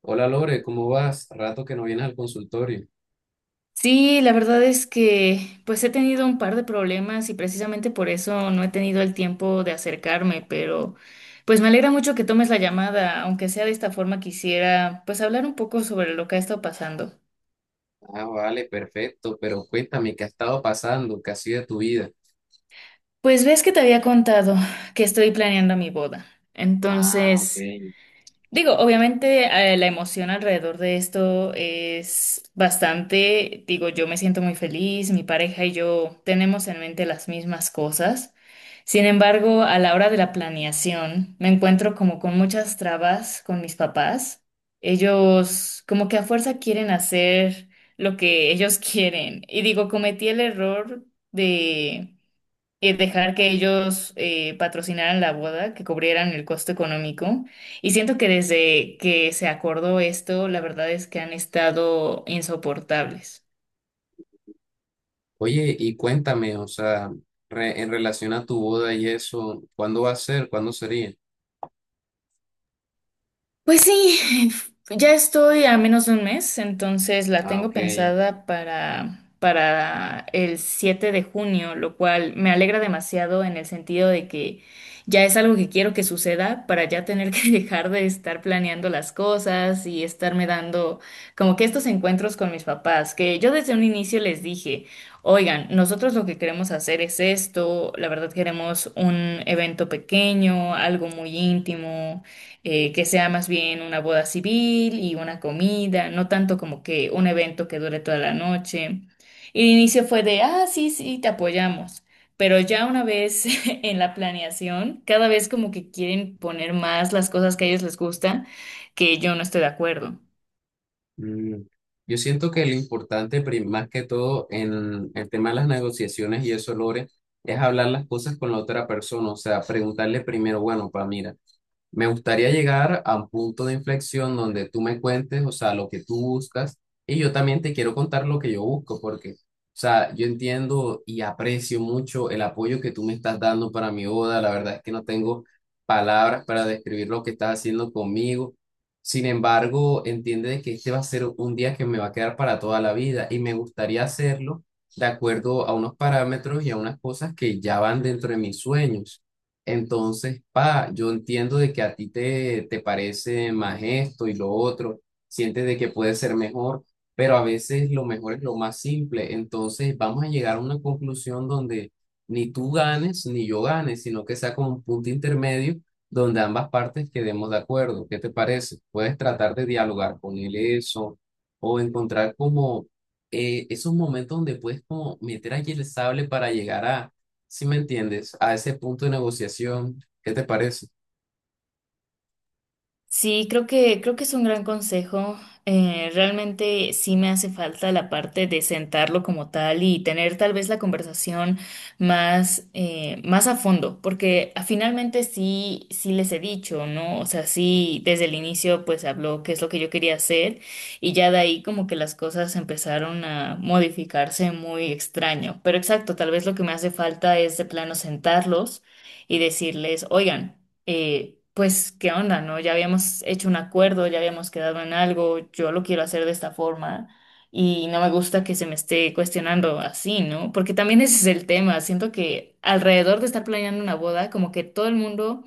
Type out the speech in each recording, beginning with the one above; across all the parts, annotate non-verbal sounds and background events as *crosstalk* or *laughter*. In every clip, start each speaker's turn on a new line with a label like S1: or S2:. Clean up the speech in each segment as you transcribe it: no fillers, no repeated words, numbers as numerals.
S1: Hola Lore, ¿cómo vas? Rato que no vienes al consultorio.
S2: Sí, la verdad es que pues he tenido un par de problemas y precisamente por eso no he tenido el tiempo de acercarme, pero pues me alegra mucho que tomes la llamada, aunque sea de esta forma quisiera pues hablar un poco sobre lo que ha estado pasando.
S1: Ah, vale, perfecto, pero cuéntame, ¿qué ha estado pasando? ¿Qué ha sido de tu vida?
S2: Pues ves que te había contado que estoy planeando mi boda.
S1: Ah, ok.
S2: Entonces. Digo, obviamente la emoción alrededor de esto es bastante, digo, yo me siento muy feliz, mi pareja y yo tenemos en mente las mismas cosas. Sin embargo, a la hora de la planeación, me encuentro como con muchas trabas con mis papás. Ellos como que a fuerza quieren hacer lo que ellos *laughs* quieren. Y digo, cometí el error de dejar que ellos patrocinaran la boda, que cubrieran el costo económico. Y siento que desde que se acordó esto, la verdad es que han estado insoportables.
S1: Oye, y cuéntame, o sea, en relación a tu boda y eso, ¿cuándo va a ser? ¿Cuándo sería?
S2: Pues sí, *laughs* ya estoy a menos de un mes, entonces la
S1: Ah,
S2: tengo
S1: ok.
S2: pensada para el 7 de junio, lo cual me alegra demasiado en el sentido de que ya es algo que quiero que suceda para ya tener que *laughs* dejar de estar planeando las cosas y estarme dando como que estos encuentros con mis papás, que yo desde un inicio les dije, oigan, nosotros lo que queremos hacer es esto, la verdad queremos un evento pequeño, algo muy íntimo que sea más bien una boda civil y una comida, no tanto como que un evento que dure toda la noche. Y el inicio fue de, ah, sí, sí, te apoyamos. Pero ya una vez *laughs* en la planeación, cada vez como que quieren poner más las cosas que a ellos les gusta, que yo no estoy de acuerdo.
S1: Mm. Yo siento que lo importante, más que todo, en el tema de las negociaciones y eso, Lore, es hablar las cosas con la otra persona, o sea, preguntarle primero, bueno, pa, mira. Me gustaría llegar a un punto de inflexión donde tú me cuentes, o sea, lo que tú buscas y yo también te quiero contar lo que yo busco, porque, o sea, yo entiendo y aprecio mucho el apoyo que tú me estás dando para mi boda. La verdad es que no tengo palabras para describir lo que estás haciendo conmigo. Sin embargo, entiende de que este va a ser un día que me va a quedar para toda la vida y me gustaría hacerlo de acuerdo a unos parámetros y a unas cosas que ya van dentro de mis sueños. Entonces, pa, yo entiendo de que a ti te parece más esto y lo otro, sientes de que puede ser mejor, pero a veces lo mejor es lo más simple. Entonces, vamos a llegar a una conclusión donde ni tú ganes ni yo gane, sino que sea como un punto intermedio donde ambas partes quedemos de acuerdo. ¿Qué te parece? Puedes tratar de dialogar con él eso o encontrar como esos momentos donde puedes como meter allí el sable para llegar a si me entiendes, a ese punto de negociación, ¿qué te parece?
S2: Sí, creo que es un gran consejo. Realmente sí me hace falta la parte de sentarlo como tal y tener tal vez la conversación más a fondo, porque finalmente sí, sí les he dicho, ¿no? O sea, sí, desde el inicio pues se habló qué es lo que yo quería hacer y ya de ahí como que las cosas empezaron a modificarse muy extraño. Pero exacto, tal vez lo que me hace falta es de plano sentarlos y decirles, oigan pues, ¿qué onda, no? Ya habíamos hecho un acuerdo, ya habíamos quedado en algo, yo lo quiero hacer de esta forma y no me gusta que se me esté cuestionando así, ¿no? Porque también ese es el tema, siento que alrededor de estar planeando una boda, como que todo el mundo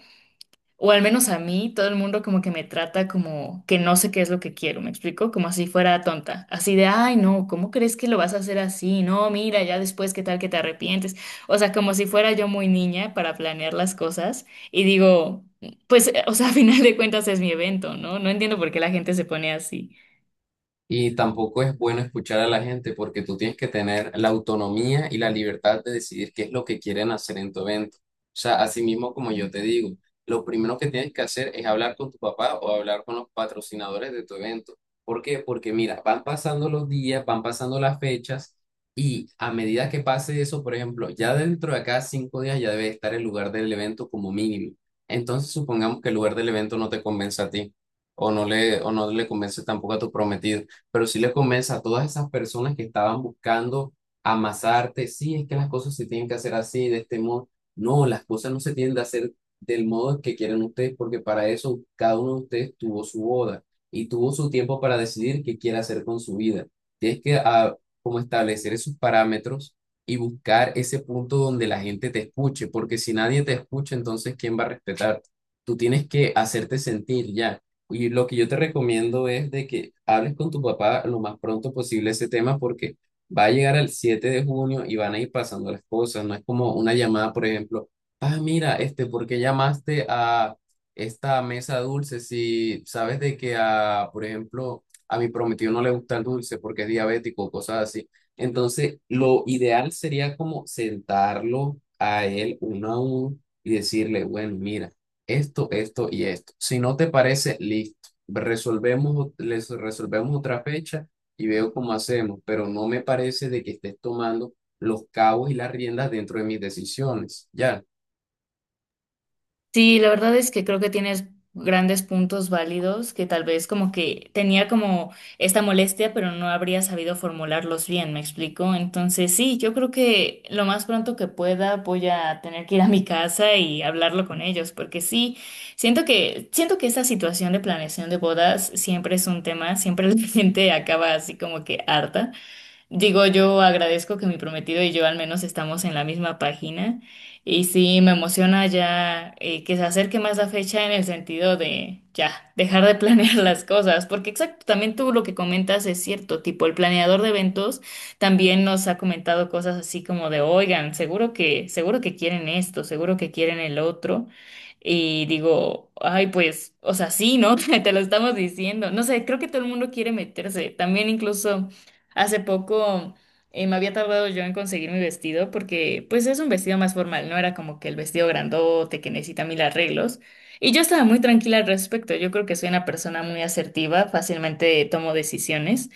S2: o al menos a mí, todo el mundo como que me trata como que no sé qué es lo que quiero, ¿me explico? Como si fuera tonta, así de, ay, no, ¿cómo crees que lo vas a hacer así? No, mira, ya después, ¿qué tal que te arrepientes? O sea, como si fuera yo muy niña para planear las cosas y digo, pues, o sea, *laughs* a final de cuentas es mi evento, ¿no? No entiendo por qué la gente se pone así.
S1: Y tampoco es bueno escuchar a la gente porque tú tienes que tener la autonomía y la libertad de decidir qué es lo que quieren hacer en tu evento. O sea, así mismo como yo te digo, lo primero que tienes que hacer es hablar con tu papá o hablar con los patrocinadores de tu evento. ¿Por qué? Porque mira, van pasando los días, van pasando las fechas y a medida que pase eso, por ejemplo, ya dentro de acá 5 días ya debe estar el lugar del evento como mínimo. Entonces, supongamos que el lugar del evento no te convence a ti o no le convence tampoco a tu prometido pero sí le convence a todas esas personas que estaban buscando amasarte, sí, es que las cosas se tienen que hacer así, de este modo. No, las cosas no se tienen que hacer del modo que quieren ustedes, porque para eso cada uno de ustedes tuvo su boda y tuvo su tiempo para decidir qué quiere hacer con su vida. Tienes que como establecer esos parámetros y buscar ese punto donde la gente te escuche, porque si nadie te escucha, entonces ¿quién va a respetar? Tú tienes que hacerte sentir ya. Y lo que yo te recomiendo es de que hables con tu papá lo más pronto posible ese tema porque va a llegar el 7 de junio y van a ir pasando las cosas. No es como una llamada, por ejemplo, ah, mira, este, ¿por qué llamaste a esta mesa dulce? Si sabes de que a, por ejemplo, a mi prometido no le gusta el dulce porque es diabético o cosas así. Entonces, lo ideal sería como sentarlo a él uno a uno y decirle, bueno, mira esto, esto y esto. Si no te parece, listo. Resolvemos, les resolvemos otra fecha y veo cómo hacemos, pero no me parece de que estés tomando los cabos y las riendas dentro de mis decisiones. Ya,
S2: Sí, la verdad es que creo que tienes grandes puntos válidos que tal vez como que tenía como esta molestia, pero no habría sabido formularlos bien, ¿me explico? Entonces, sí, yo creo que lo más pronto que pueda voy a tener que ir a mi casa y hablarlo con ellos, porque sí, siento que esta situación de planeación de bodas siempre es un tema, siempre la *laughs* gente acaba así como que harta. Digo, yo agradezco que mi prometido y yo al menos estamos en la misma página y sí me emociona ya que se acerque más la fecha en el sentido de ya dejar de planear *laughs* las cosas, porque exacto, también tú lo que comentas es cierto, tipo el planeador de eventos también nos ha comentado cosas así como de, oigan, seguro que quieren esto, seguro que quieren el otro. Y digo, ay, pues, o sea, sí, ¿no? *laughs* Te lo estamos diciendo. No sé, creo que todo el mundo quiere meterse. También incluso hace poco me había tardado yo en conseguir mi vestido porque pues es un vestido más formal, no era como que el vestido grandote que necesita mil arreglos. Y yo estaba muy tranquila al respecto, yo creo que soy una persona muy asertiva, fácilmente tomo decisiones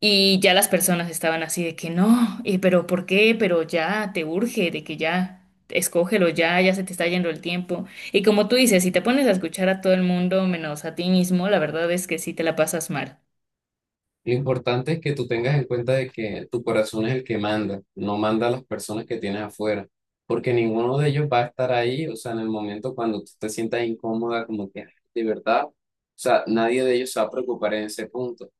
S2: y ya las personas estaban así de que no, pero ¿por qué? Pero ya te urge, de que ya. Escógelo ya, ya se te está yendo el tiempo. Y como tú dices, si te pones a escuchar a todo el mundo menos a ti mismo, la verdad es que sí te la pasas mal.
S1: lo importante es que tú tengas en cuenta de que tu corazón es el que manda, no manda a las personas que tienes afuera, porque ninguno de ellos va a estar ahí, o sea, en el momento cuando tú te sientas incómoda, como que "Ay, de verdad, o sea, nadie de ellos se va a preocupar en ese punto.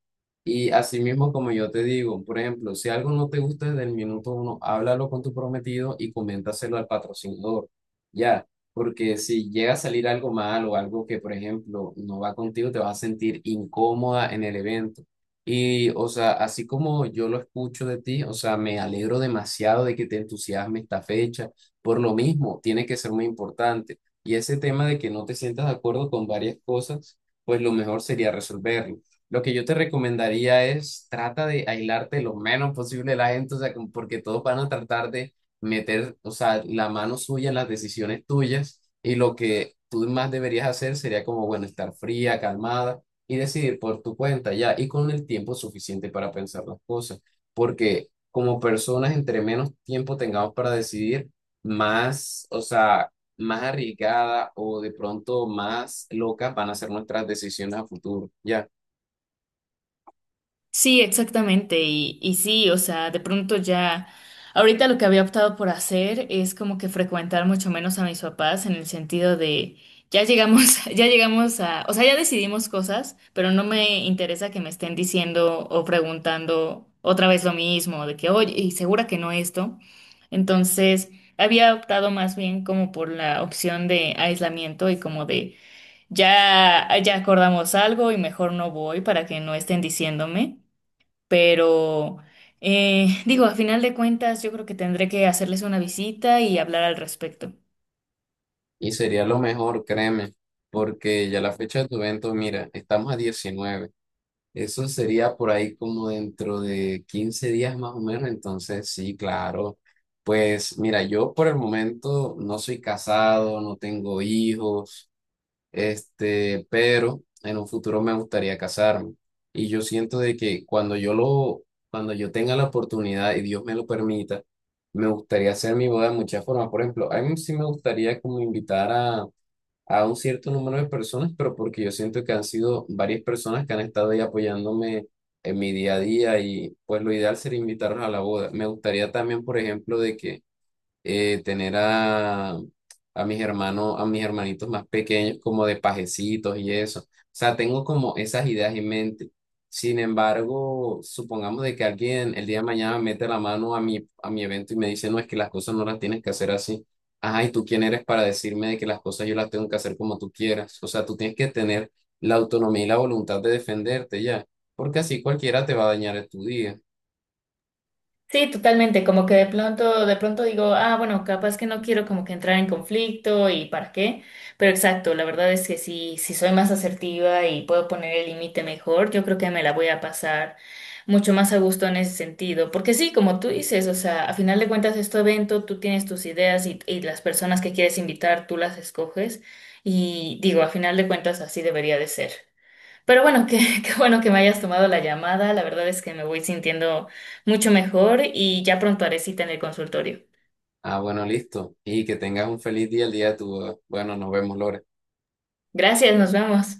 S1: Y así mismo, como yo te digo, por ejemplo, si algo no te gusta desde el minuto uno, háblalo con tu prometido y coméntaselo al patrocinador. Ya, porque si llega a salir algo mal o algo que, por ejemplo, no va contigo, te vas a sentir incómoda en el evento. Y, o sea, así como yo lo escucho de ti, o sea, me alegro demasiado de que te entusiasme esta fecha. Por lo mismo, tiene que ser muy importante. Y ese tema de que no te sientas de acuerdo con varias cosas, pues lo mejor sería resolverlo. Lo que yo te recomendaría es trata de aislarte lo menos posible de la gente, o sea, como porque todos van a tratar de meter, o sea, la mano suya en las decisiones tuyas y lo que tú más deberías hacer sería como, bueno, estar fría, calmada y decidir por tu cuenta ya y con el tiempo suficiente para pensar las cosas, porque como personas, entre menos tiempo tengamos para decidir, más, o sea, más arriesgada o de pronto más locas van a ser nuestras decisiones a futuro, ya.
S2: Sí, exactamente. Y sí, o sea, de pronto ya, ahorita lo que había optado por hacer es como que frecuentar mucho menos a mis papás en el sentido de, ya llegamos, *laughs* ya llegamos a, o sea, ya decidimos cosas, pero no me interesa que me estén diciendo o preguntando otra vez lo mismo, de que, oye, y segura que no esto. Entonces, había optado más bien como por la opción de aislamiento y como de, ya, ya acordamos algo y mejor no voy para que no estén diciéndome. Pero *laughs* digo, a final de cuentas, yo creo que tendré que hacerles una visita y hablar al respecto.
S1: Y sería lo mejor, créeme, porque ya la fecha de tu evento, mira, estamos a 19. Eso sería por ahí como dentro de 15 días más o menos. Entonces, sí, claro. Pues mira, yo por el momento no soy casado, no tengo hijos, este, pero en un futuro me gustaría casarme. Y yo siento de que cuando yo lo, cuando yo tenga la oportunidad y Dios me lo permita, me gustaría hacer mi boda de muchas formas. Por ejemplo, a mí sí me gustaría como invitar a un cierto número de personas, pero porque yo siento que han sido varias personas que han estado ahí apoyándome en mi día a día y pues lo ideal sería invitarlos a la boda. Me gustaría también, por ejemplo, de que tener a mis hermanos, a mis hermanitos más pequeños como de pajecitos y eso. O sea, tengo como esas ideas en mente. Sin embargo, supongamos de que alguien el día de mañana mete la mano a a mi evento y me dice, no, es que las cosas no las tienes que hacer así. Ajá, ¿y tú quién eres para decirme de que las cosas yo las tengo que hacer como tú quieras? O sea, tú tienes que tener la autonomía y la voluntad de defenderte ya, porque así cualquiera te va a dañar tu día.
S2: Sí, totalmente, como que de pronto digo, ah, bueno, capaz que no quiero como que entrar en conflicto y para qué, pero exacto, la verdad es que si soy más asertiva y puedo poner el límite mejor, yo creo que me la voy a pasar mucho más a gusto en ese sentido, porque sí, como tú dices, o sea, a final de cuentas es tu evento, tú tienes tus ideas y las personas que quieres invitar, tú las escoges y digo, a final de cuentas así debería de ser. Pero bueno, qué, *laughs* qué bueno que me hayas tomado la llamada. La verdad es que me voy sintiendo mucho mejor y ya pronto haré cita en el consultorio.
S1: Ah, bueno, listo. Y que tengas un feliz día el día de tu boda. Bueno, nos vemos, Lore.
S2: Gracias, nos vemos.